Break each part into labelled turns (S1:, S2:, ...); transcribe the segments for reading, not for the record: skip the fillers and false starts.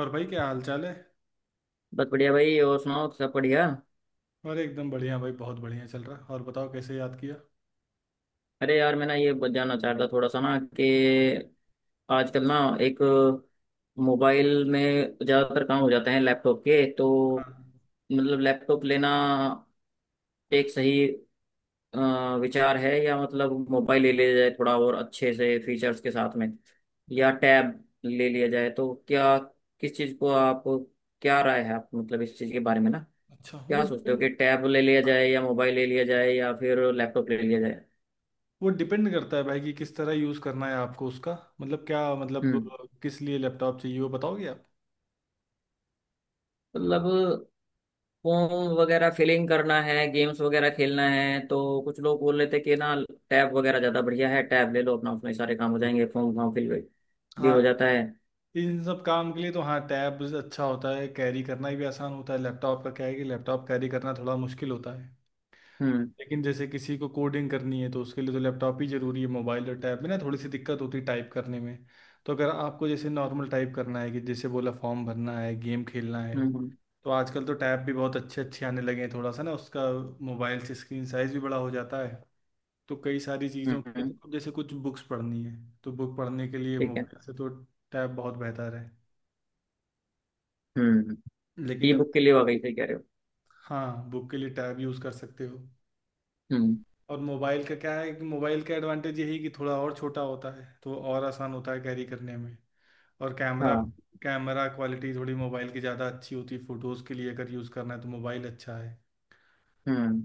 S1: और भाई क्या हाल चाल है।
S2: बस बढ़िया भाई। और सुनाओ, सब बढ़िया।
S1: और एकदम बढ़िया भाई, बहुत बढ़िया चल रहा है। और बताओ कैसे याद किया।
S2: अरे यार, मैं ना ये जानना चाह रहा था थोड़ा सा ना कि आजकल ना एक मोबाइल में ज़्यादातर काम हो जाते हैं लैपटॉप के, तो
S1: हाँ।
S2: मतलब लैपटॉप लेना एक सही अ, विचार है, या मतलब मोबाइल ले लिया जाए थोड़ा और अच्छे से फीचर्स के साथ में, या टैब ले लिया जाए, तो क्या, किस चीज़ को आप, क्या राय है आप मतलब इस चीज़ के बारे में ना,
S1: अच्छा
S2: क्या सोचते हो कि टैब ले लिया जाए या मोबाइल ले लिया जाए या फिर लैपटॉप ले लिया जाए।
S1: वो डिपेंड करता है भाई कि किस तरह यूज़ करना है आपको उसका। मतलब क्या मतलब
S2: हम्म।
S1: किस लिए लैपटॉप चाहिए वो बताओगे आप।
S2: मतलब फोन वगैरह फिलिंग करना है, गेम्स वगैरह खेलना है, तो कुछ लोग बोल रहे थे कि ना टैब वगैरह ज़्यादा बढ़िया है, टैब ले लो अपना, उसमें सारे काम हो जाएंगे, फॉर्म वॉर्म फिल भी हो
S1: हाँ,
S2: जाता है।
S1: इन सब काम के लिए तो हाँ, टैब अच्छा होता है, कैरी करना भी आसान होता है। लैपटॉप का क्या है कि लैपटॉप कैरी करना थोड़ा मुश्किल होता है।
S2: हम्म।
S1: लेकिन जैसे किसी को कोडिंग करनी है तो उसके लिए तो लैपटॉप ही जरूरी है। मोबाइल और टैब में ना थोड़ी सी दिक्कत होती है टाइप करने में। तो अगर आपको जैसे नॉर्मल टाइप करना है कि जैसे बोला फॉर्म भरना है, गेम खेलना है,
S2: हम्म। हम्म।
S1: तो आजकल तो टैब भी बहुत अच्छे अच्छे आने लगे हैं। थोड़ा सा ना उसका मोबाइल से स्क्रीन साइज भी बड़ा हो जाता है। तो कई सारी चीज़ों के
S2: हम्म।
S1: लिए, तो जैसे कुछ बुक्स पढ़नी है तो बुक पढ़ने के लिए
S2: ठीक है।
S1: मोबाइल से तो टैब बहुत बेहतर है।
S2: हम्म।
S1: लेकिन
S2: ई
S1: अब
S2: बुक के लिए वाकई सही कह रहे हो।
S1: हाँ बुक के लिए टैब यूज़ कर सकते हो।
S2: हम्म।
S1: और मोबाइल का क्या है कि मोबाइल का एडवांटेज यही है कि थोड़ा और छोटा होता है तो और आसान होता है कैरी करने में। और कैमरा,
S2: हाँ।
S1: कैमरा क्वालिटी थोड़ी मोबाइल की ज़्यादा अच्छी होती है। फ़ोटोज़ के लिए अगर यूज़ करना है तो मोबाइल अच्छा है।
S2: हम्म।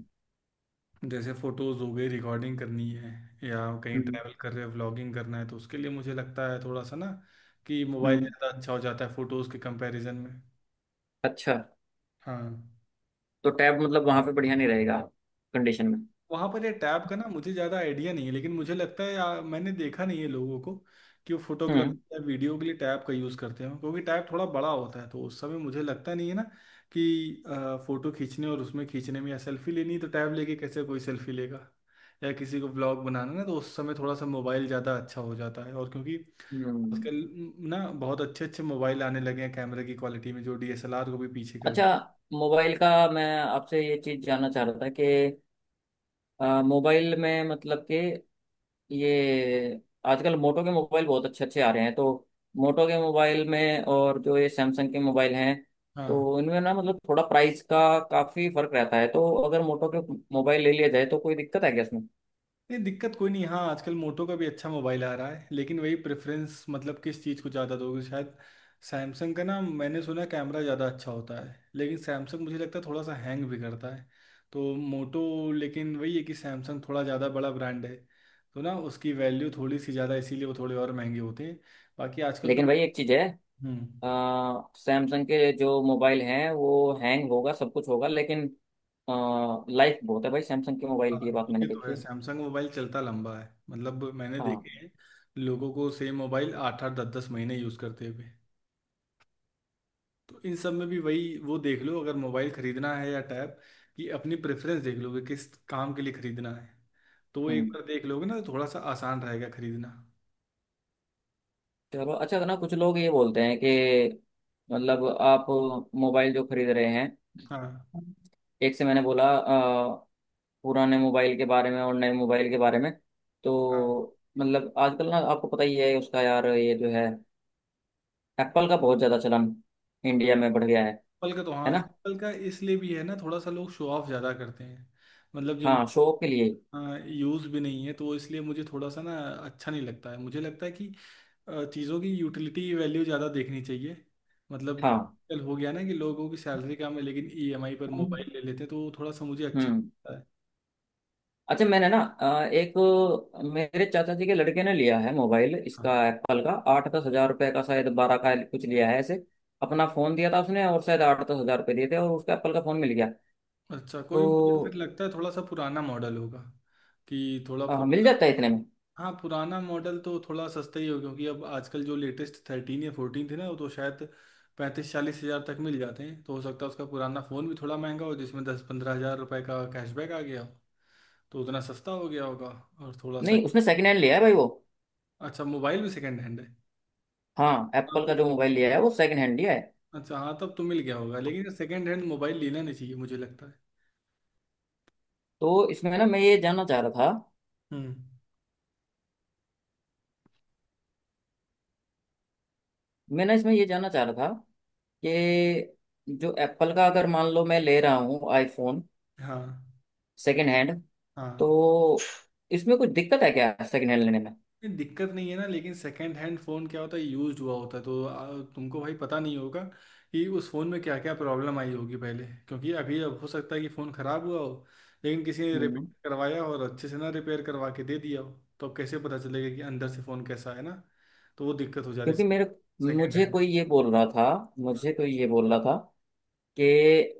S1: जैसे फ़ोटोज़ हो गई, रिकॉर्डिंग करनी है, या कहीं
S2: हम्म।
S1: ट्रैवल कर रहे हैं, व्लॉगिंग करना है, तो उसके लिए मुझे लगता है थोड़ा सा ना कि मोबाइल
S2: हम्म।
S1: ज़्यादा अच्छा हो जाता है फ़ोटोज़ के कंपैरिजन में।
S2: अच्छा।
S1: हाँ,
S2: तो टैब मतलब वहां पे बढ़िया नहीं रहेगा कंडीशन में।
S1: वहां पर ये टैब का ना मुझे ज्यादा आइडिया नहीं है, लेकिन मुझे लगता है मैंने देखा नहीं है लोगों को कि वो फोटोग्राफी
S2: हम्म।
S1: या वीडियो के लिए टैब का यूज करते हो, क्योंकि टैब थोड़ा बड़ा होता है, तो उस समय मुझे लगता नहीं है ना कि फोटो खींचने और उसमें खींचने में या सेल्फी लेनी है, तो टैब लेके कैसे कोई सेल्फी लेगा। या किसी को ब्लॉग बनाना ना तो उस समय थोड़ा सा मोबाइल ज्यादा अच्छा हो जाता है। और क्योंकि
S2: हम्म।
S1: आजकल ना बहुत अच्छे अच्छे मोबाइल आने लगे हैं कैमरे की क्वालिटी में जो डीएसएलआर को भी पीछे कर।
S2: अच्छा, मोबाइल का मैं आपसे ये चीज जानना चाह रहा था कि मोबाइल में मतलब कि ये आजकल मोटो के मोबाइल बहुत अच्छे अच्छे आ रहे हैं, तो मोटो के मोबाइल में और जो ये सैमसंग के मोबाइल हैं,
S1: हाँ,
S2: तो इनमें ना मतलब थोड़ा प्राइस का काफी फर्क रहता है, तो अगर मोटो के मोबाइल ले लिया जाए तो कोई दिक्कत है क्या इसमें।
S1: नहीं दिक्कत कोई नहीं। हाँ आजकल मोटो का भी अच्छा मोबाइल आ रहा है, लेकिन वही प्रेफरेंस, मतलब किस चीज़ को ज़्यादा दोगे। शायद सैमसंग का ना, मैंने सुना कैमरा ज़्यादा अच्छा होता है, लेकिन सैमसंग मुझे लगता है थोड़ा सा हैंग भी करता है। तो मोटो, लेकिन वही है कि सैमसंग थोड़ा ज़्यादा बड़ा ब्रांड है, तो ना उसकी वैल्यू थोड़ी सी ज़्यादा, इसीलिए वो थोड़े और महंगे होते हैं। बाकी आजकल
S2: लेकिन
S1: तो
S2: भाई एक चीज है,
S1: हम्म।
S2: सैमसंग के जो मोबाइल हैं वो हैंग होगा सब कुछ होगा, लेकिन लाइफ बहुत है भाई, सैमसंग के मोबाइल की, ये
S1: हाँ
S2: बात मैंने
S1: ये तो
S2: देखी
S1: है,
S2: है।
S1: सैमसंग मोबाइल चलता लंबा है। मतलब मैंने देखे
S2: हाँ।
S1: हैं लोगों को सेम मोबाइल आठ आठ दस दस महीने यूज़ करते हुए। तो इन सब में भी वही वो देख लो, अगर मोबाइल खरीदना है या टैब, कि अपनी प्रेफरेंस देख लो कि किस काम के लिए खरीदना है। तो वो एक
S2: हम्म।
S1: बार देख लोगे ना तो थोड़ा सा आसान रहेगा खरीदना।
S2: चलो, अच्छा ना, कुछ लोग ये बोलते हैं कि मतलब आप मोबाइल जो खरीद रहे हैं,
S1: हाँ,
S2: एक से मैंने बोला पुराने मोबाइल के बारे में और नए मोबाइल के बारे में,
S1: हाँ,
S2: तो मतलब आजकल ना आपको पता ही है उसका, यार ये जो है एप्पल का बहुत ज़्यादा चलन इंडिया में बढ़ गया है।
S1: एप्पल का तो
S2: है
S1: हाँ
S2: ना?
S1: एप्पल का इसलिए भी है ना, थोड़ा सा लोग शो ऑफ ज़्यादा करते हैं। मतलब
S2: हाँ,
S1: जिनको
S2: शो के लिए।
S1: यूज़ भी नहीं है, तो वो इसलिए मुझे थोड़ा सा ना अच्छा नहीं लगता है। मुझे लगता है कि चीज़ों की यूटिलिटी वैल्यू ज़्यादा देखनी चाहिए। मतलब
S2: हाँ।
S1: कल हो गया ना कि लोगों की सैलरी कम है लेकिन ईएमआई पर
S2: हाँ।
S1: मोबाइल ले लेते हैं, तो वो थोड़ा सा मुझे अच्छा।
S2: हम्म। अच्छा, मैंने ना एक मेरे चाचा जी के लड़के ने लिया है मोबाइल
S1: हाँ,
S2: इसका, एप्पल का 8-10 हज़ार रुपये का, शायद 12 का कुछ लिया है ऐसे, अपना फोन दिया था उसने और शायद 8-10 हज़ार रुपये दिए थे और उसका एप्पल का फोन मिल गया,
S1: अच्छा कोई, मुझे फिर
S2: तो
S1: लगता है थोड़ा सा पुराना मॉडल होगा, कि थोड़ा
S2: मिल
S1: पुराना।
S2: जाता है इतने में।
S1: हाँ पुराना मॉडल तो थोड़ा सस्ता ही होगा, क्योंकि अब आजकल जो लेटेस्ट 13 या 14 थे ना वो तो शायद 35 40 हज़ार तक मिल जाते हैं। तो हो सकता है उसका पुराना फ़ोन भी थोड़ा महंगा हो जिसमें 10 15 हज़ार रुपये का कैशबैक आ गया हो, तो उतना सस्ता हो गया होगा। और थोड़ा सा,
S2: नहीं, उसने सेकंड हैंड लिया है भाई वो,
S1: अच्छा मोबाइल भी सेकेंड हैंड है।
S2: हाँ
S1: हाँ
S2: एप्पल
S1: तो
S2: का जो मोबाइल लिया है वो सेकंड हैंड लिया है,
S1: अच्छा, हाँ तब तो मिल गया होगा, लेकिन सेकेंड हैंड मोबाइल लेना नहीं चाहिए मुझे लगता है।
S2: तो इसमें ना मैं ये जानना चाह रहा था,
S1: हम्म।
S2: मैं ना इसमें ये जानना चाह रहा था कि जो एप्पल का, अगर मान लो मैं ले रहा हूँ आईफोन
S1: हाँ।
S2: सेकंड हैंड,
S1: हाँ
S2: तो इसमें कुछ दिक्कत है क्या सेकंड हैंड लेने में।
S1: नहीं, दिक्कत नहीं है ना, लेकिन सेकंड हैंड फ़ोन क्या होता है, यूज्ड हुआ होता है, तो तुमको भाई पता नहीं होगा कि उस फ़ोन में क्या क्या प्रॉब्लम आई होगी पहले, क्योंकि अभी अब हो सकता है कि फ़ोन ख़राब हुआ हो, लेकिन किसी ने
S2: हम्म।
S1: रिपेयर करवाया हो और अच्छे से ना रिपेयर करवा के दे दिया हो, तो अब कैसे पता चलेगा कि अंदर से फ़ोन कैसा है ना। तो वो दिक्कत हो जाती
S2: क्योंकि
S1: है
S2: मेरे,
S1: सेकेंड
S2: मुझे
S1: हैंड।
S2: कोई ये बोल रहा था मुझे कोई ये बोल रहा था कि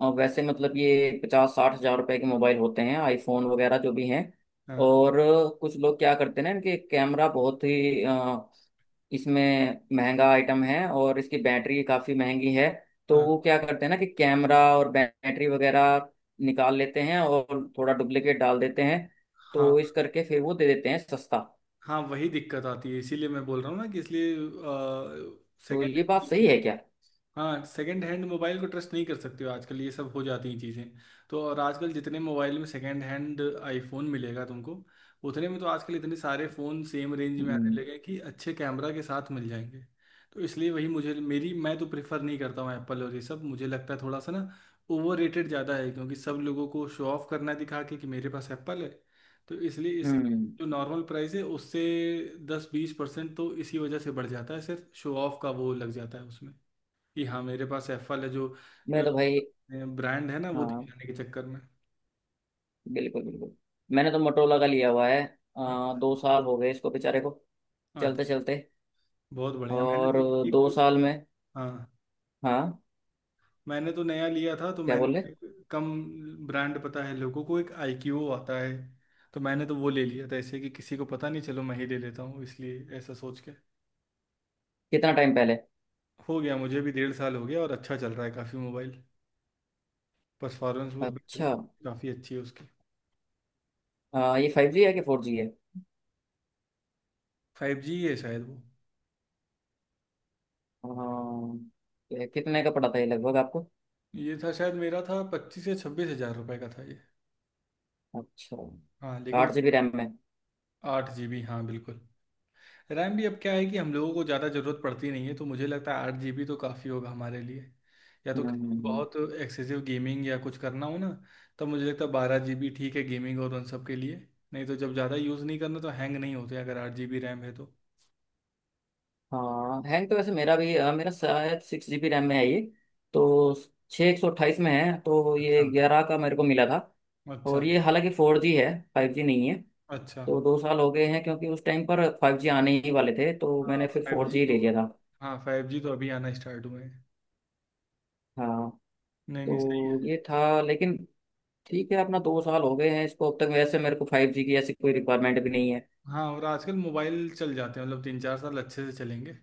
S2: वैसे मतलब ये 50-60 हज़ार रुपए के मोबाइल होते हैं आईफोन वगैरह जो भी हैं,
S1: हाँ,
S2: और कुछ लोग क्या करते हैं ना, इनके कैमरा बहुत ही इसमें महंगा आइटम है और इसकी बैटरी काफ़ी महंगी है, तो
S1: हाँ,
S2: वो क्या करते हैं ना कि कैमरा और बैटरी वगैरह निकाल लेते हैं और थोड़ा डुप्लीकेट डाल देते हैं, तो
S1: हाँ,
S2: इस करके फिर वो दे देते हैं सस्ता।
S1: हाँ वही दिक्कत आती है, इसीलिए मैं बोल रहा हूँ ना कि इसलिए
S2: तो
S1: सेकेंड।
S2: ये बात सही है क्या?
S1: हाँ सेकंड हैंड मोबाइल को ट्रस्ट नहीं कर सकते हो, आजकल ये सब हो जाती हैं चीज़ें। तो और आजकल जितने मोबाइल में सेकंड हैंड आईफोन मिलेगा तुमको, उतने में तो आजकल इतने सारे फ़ोन सेम रेंज में आने
S2: हम्म।
S1: लगे हैं कि अच्छे कैमरा के साथ मिल जाएंगे। तो इसलिए वही मुझे, मेरी मैं तो प्रेफर नहीं करता हूँ एप्पल, और ये सब मुझे लगता है थोड़ा सा ना ओवर रेटेड ज़्यादा है, क्योंकि सब लोगों को शो ऑफ करना है दिखा के कि मेरे पास एप्पल है। तो इसलिए इस
S2: हम्म।
S1: जो नॉर्मल प्राइस है उससे दस बीस परसेंट तो इसी वजह से बढ़ जाता है, सिर्फ शो ऑफ का वो लग जाता है उसमें, कि हाँ मेरे पास एफएल है जो
S2: मैं तो भाई,
S1: ब्रांड है ना वो
S2: हाँ
S1: दिखाने के चक्कर में।
S2: बिल्कुल बिल्कुल, मैंने तो मोटरोला का लिया हुआ है, दो
S1: अच्छा।
S2: साल हो गए इसको बेचारे को,
S1: हाँ,
S2: चलते चलते,
S1: बहुत बढ़िया। मैंने
S2: और
S1: तो
S2: दो
S1: एक,
S2: साल में।
S1: हाँ
S2: हाँ।
S1: मैंने तो नया लिया था तो
S2: क्या बोल रहे,
S1: मैंने कम ब्रांड, पता है लोगों को, एक आईक्यू आता है, तो मैंने तो वो ले लिया था ऐसे, कि किसी को पता नहीं, चलो मैं ही ले लेता हूँ, इसलिए ऐसा सोच के।
S2: कितना टाइम पहले?
S1: हो गया, मुझे भी 1.5 साल हो गया और अच्छा चल रहा है काफ़ी मोबाइल, परफॉर्मेंस वो बैटरी
S2: अच्छा।
S1: सब काफ़ी अच्छी है उसकी।
S2: ये 5G है कि 4G है?
S1: फाइव जी है शायद वो।
S2: हाँ, ये कितने का पड़ा था ये लगभग आपको?
S1: ये था शायद, मेरा था 25 या 26 हज़ार रुपये का था ये।
S2: अच्छा।
S1: हाँ लेकिन,
S2: 8 GB रैम में?
S1: आठ जीबी हाँ बिल्कुल। रैम भी अब क्या है कि हम लोगों को ज़्यादा ज़रूरत पड़ती नहीं है, तो मुझे लगता है 8 जीबी तो काफ़ी होगा हमारे लिए। या तो
S2: हम्म। हम्म।
S1: किसी को
S2: हम्म।
S1: बहुत एक्सेसिव गेमिंग या कुछ करना हो ना, तब मुझे लगता है 12 जीबी ठीक है गेमिंग और उन सब के लिए। नहीं तो जब ज़्यादा यूज़ नहीं करना तो हैंग नहीं होते अगर 8 जीबी रैम है तो।
S2: हाँ, हैंग तो वैसे मेरा भी, मेरा शायद 6 GB रैम में है ये, तो 6/128 में है, तो
S1: अच्छा।
S2: ये 11 का मेरे को मिला था।
S1: अच्छा।
S2: और ये हालांकि 4G है, 5G नहीं है,
S1: अच्छा।
S2: तो 2 साल हो गए हैं, क्योंकि उस टाइम पर 5G आने ही वाले थे तो
S1: हाँ
S2: मैंने फिर
S1: फाइव
S2: फोर
S1: जी
S2: जी
S1: तो
S2: ले लिया था।
S1: हाँ फाइव जी तो अभी आना स्टार्ट हुए हैं।
S2: हाँ,
S1: नहीं नहीं, सही।
S2: तो ये था, लेकिन ठीक है, अपना 2 साल हो गए हैं इसको अब तक, वैसे मेरे को 5G की ऐसी कोई रिक्वायरमेंट भी नहीं है।
S1: हाँ और आजकल मोबाइल चल जाते हैं, मतलब 3 4 साल अच्छे से चलेंगे।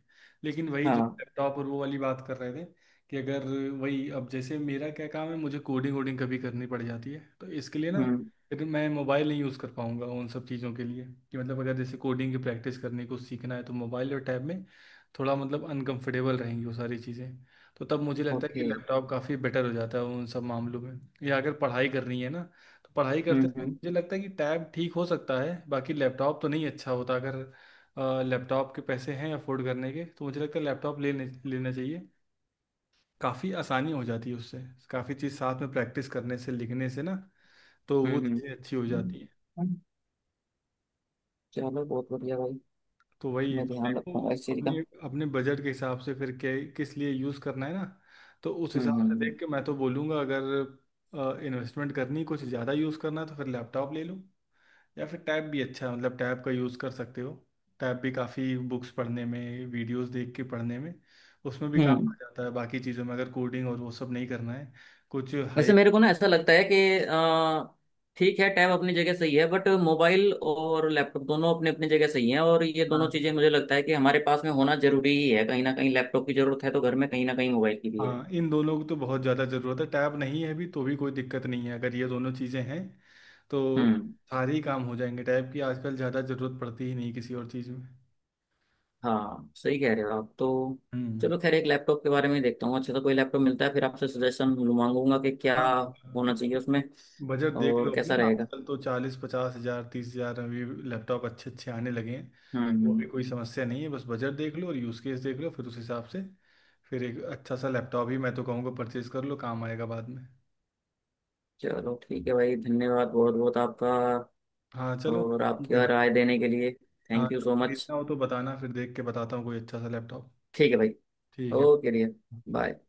S1: लेकिन वही जो
S2: हाँ।
S1: लैपटॉप और वो वाली बात कर रहे थे कि अगर, वही अब जैसे मेरा क्या काम है, मुझे कोडिंग वोडिंग कभी करनी पड़ जाती है तो इसके लिए ना
S2: हम्म।
S1: फिर मैं मोबाइल नहीं यूज़ कर पाऊंगा उन सब चीज़ों के लिए। कि मतलब अगर जैसे कोडिंग की प्रैक्टिस करने को सीखना है तो मोबाइल और टैब में थोड़ा मतलब अनकंफर्टेबल रहेंगी वो सारी चीज़ें। तो तब मुझे लगता है कि
S2: ओके।
S1: लैपटॉप काफ़ी बेटर हो जाता है उन सब मामलों में। या अगर पढ़ाई करनी है ना, तो पढ़ाई करते
S2: हम्म।
S1: समय
S2: हम्म।
S1: मुझे लगता है कि टैब ठीक हो सकता है। बाकी लैपटॉप तो नहीं अच्छा होता, अगर लैपटॉप के पैसे हैं अफोर्ड करने के तो मुझे लगता है लैपटॉप लेने लेना चाहिए। काफ़ी आसानी हो जाती है उससे, काफ़ी चीज़ साथ में प्रैक्टिस करने से, लिखने से ना, तो वो
S2: हम्म। हम्म।
S1: चीज़ें अच्छी हो जाती हैं।
S2: हम्म। चलो बहुत बढ़िया भाई,
S1: तो वही
S2: मैं
S1: तो
S2: ध्यान
S1: देखो,
S2: रखूंगा इस चीज़ का।
S1: अपने अपने बजट के हिसाब से फिर के किस लिए यूज़ करना है ना। तो उस
S2: हम्म।
S1: हिसाब
S2: हम्म।
S1: से
S2: हम्म।
S1: देख के मैं तो बोलूँगा अगर इन्वेस्टमेंट करनी, कुछ ज़्यादा यूज़ करना है तो फिर लैपटॉप ले लो, या फिर टैब भी अच्छा है, मतलब टैब का यूज़ कर सकते हो। टैब भी काफ़ी बुक्स पढ़ने में, वीडियोस देख के पढ़ने में उसमें भी काम आ
S2: हम्म।
S1: जाता है, बाकी चीज़ों में अगर कोडिंग और वो सब नहीं करना है। कुछ हाई,
S2: वैसे मेरे को ना ऐसा लगता है कि ठीक है, टैब अपनी जगह सही है, बट मोबाइल और लैपटॉप दोनों अपने अपनी जगह सही हैं, और ये दोनों
S1: हाँ।
S2: चीजें मुझे लगता है कि हमारे पास में होना जरूरी ही है, कहीं ना कहीं लैपटॉप की जरूरत है तो घर में, कहीं ना कहीं मोबाइल की भी है।
S1: हाँ इन दोनों की तो बहुत ज़्यादा ज़रूरत है, टैब नहीं है भी तो भी कोई दिक्कत नहीं है अगर ये दोनों चीज़ें हैं, तो
S2: हम्म।
S1: सारे ही काम हो जाएंगे। टैब की आजकल ज़्यादा ज़रूरत पड़ती ही नहीं किसी और चीज़ में।
S2: हाँ सही कह रहे हो आप तो।
S1: हम्म।
S2: चलो खैर, एक लैपटॉप के बारे में ही देखता हूँ, अच्छा तो कोई लैपटॉप मिलता है फिर आपसे सजेशन मांगूंगा कि क्या
S1: हाँ
S2: होना चाहिए उसमें
S1: बजट देख लो
S2: और
S1: अपना,
S2: कैसा रहेगा।
S1: आजकल तो 40 50 हजार, 30 हजार में भी लैपटॉप अच्छे अच्छे आने लगे हैं।
S2: हम्म।
S1: वो
S2: हम्म।
S1: भी कोई समस्या नहीं है, बस बजट देख लो और यूज़ केस देख लो, फिर उस हिसाब से फिर एक अच्छा सा लैपटॉप ही मैं तो कहूँगा परचेज कर लो, काम आएगा बाद में।
S2: चलो ठीक है भाई, धन्यवाद बहुत बहुत आपका,
S1: हाँ चलो
S2: और
S1: ठीक
S2: आपकी
S1: है भाई।
S2: राय देने के लिए
S1: हाँ
S2: थैंक यू
S1: तो
S2: सो मच।
S1: खरीदना हो तो बताना, फिर देख के बताता हूँ कोई अच्छा सा लैपटॉप।
S2: ठीक है भाई।
S1: ठीक है।
S2: Okay dear.
S1: बाय।
S2: बाय।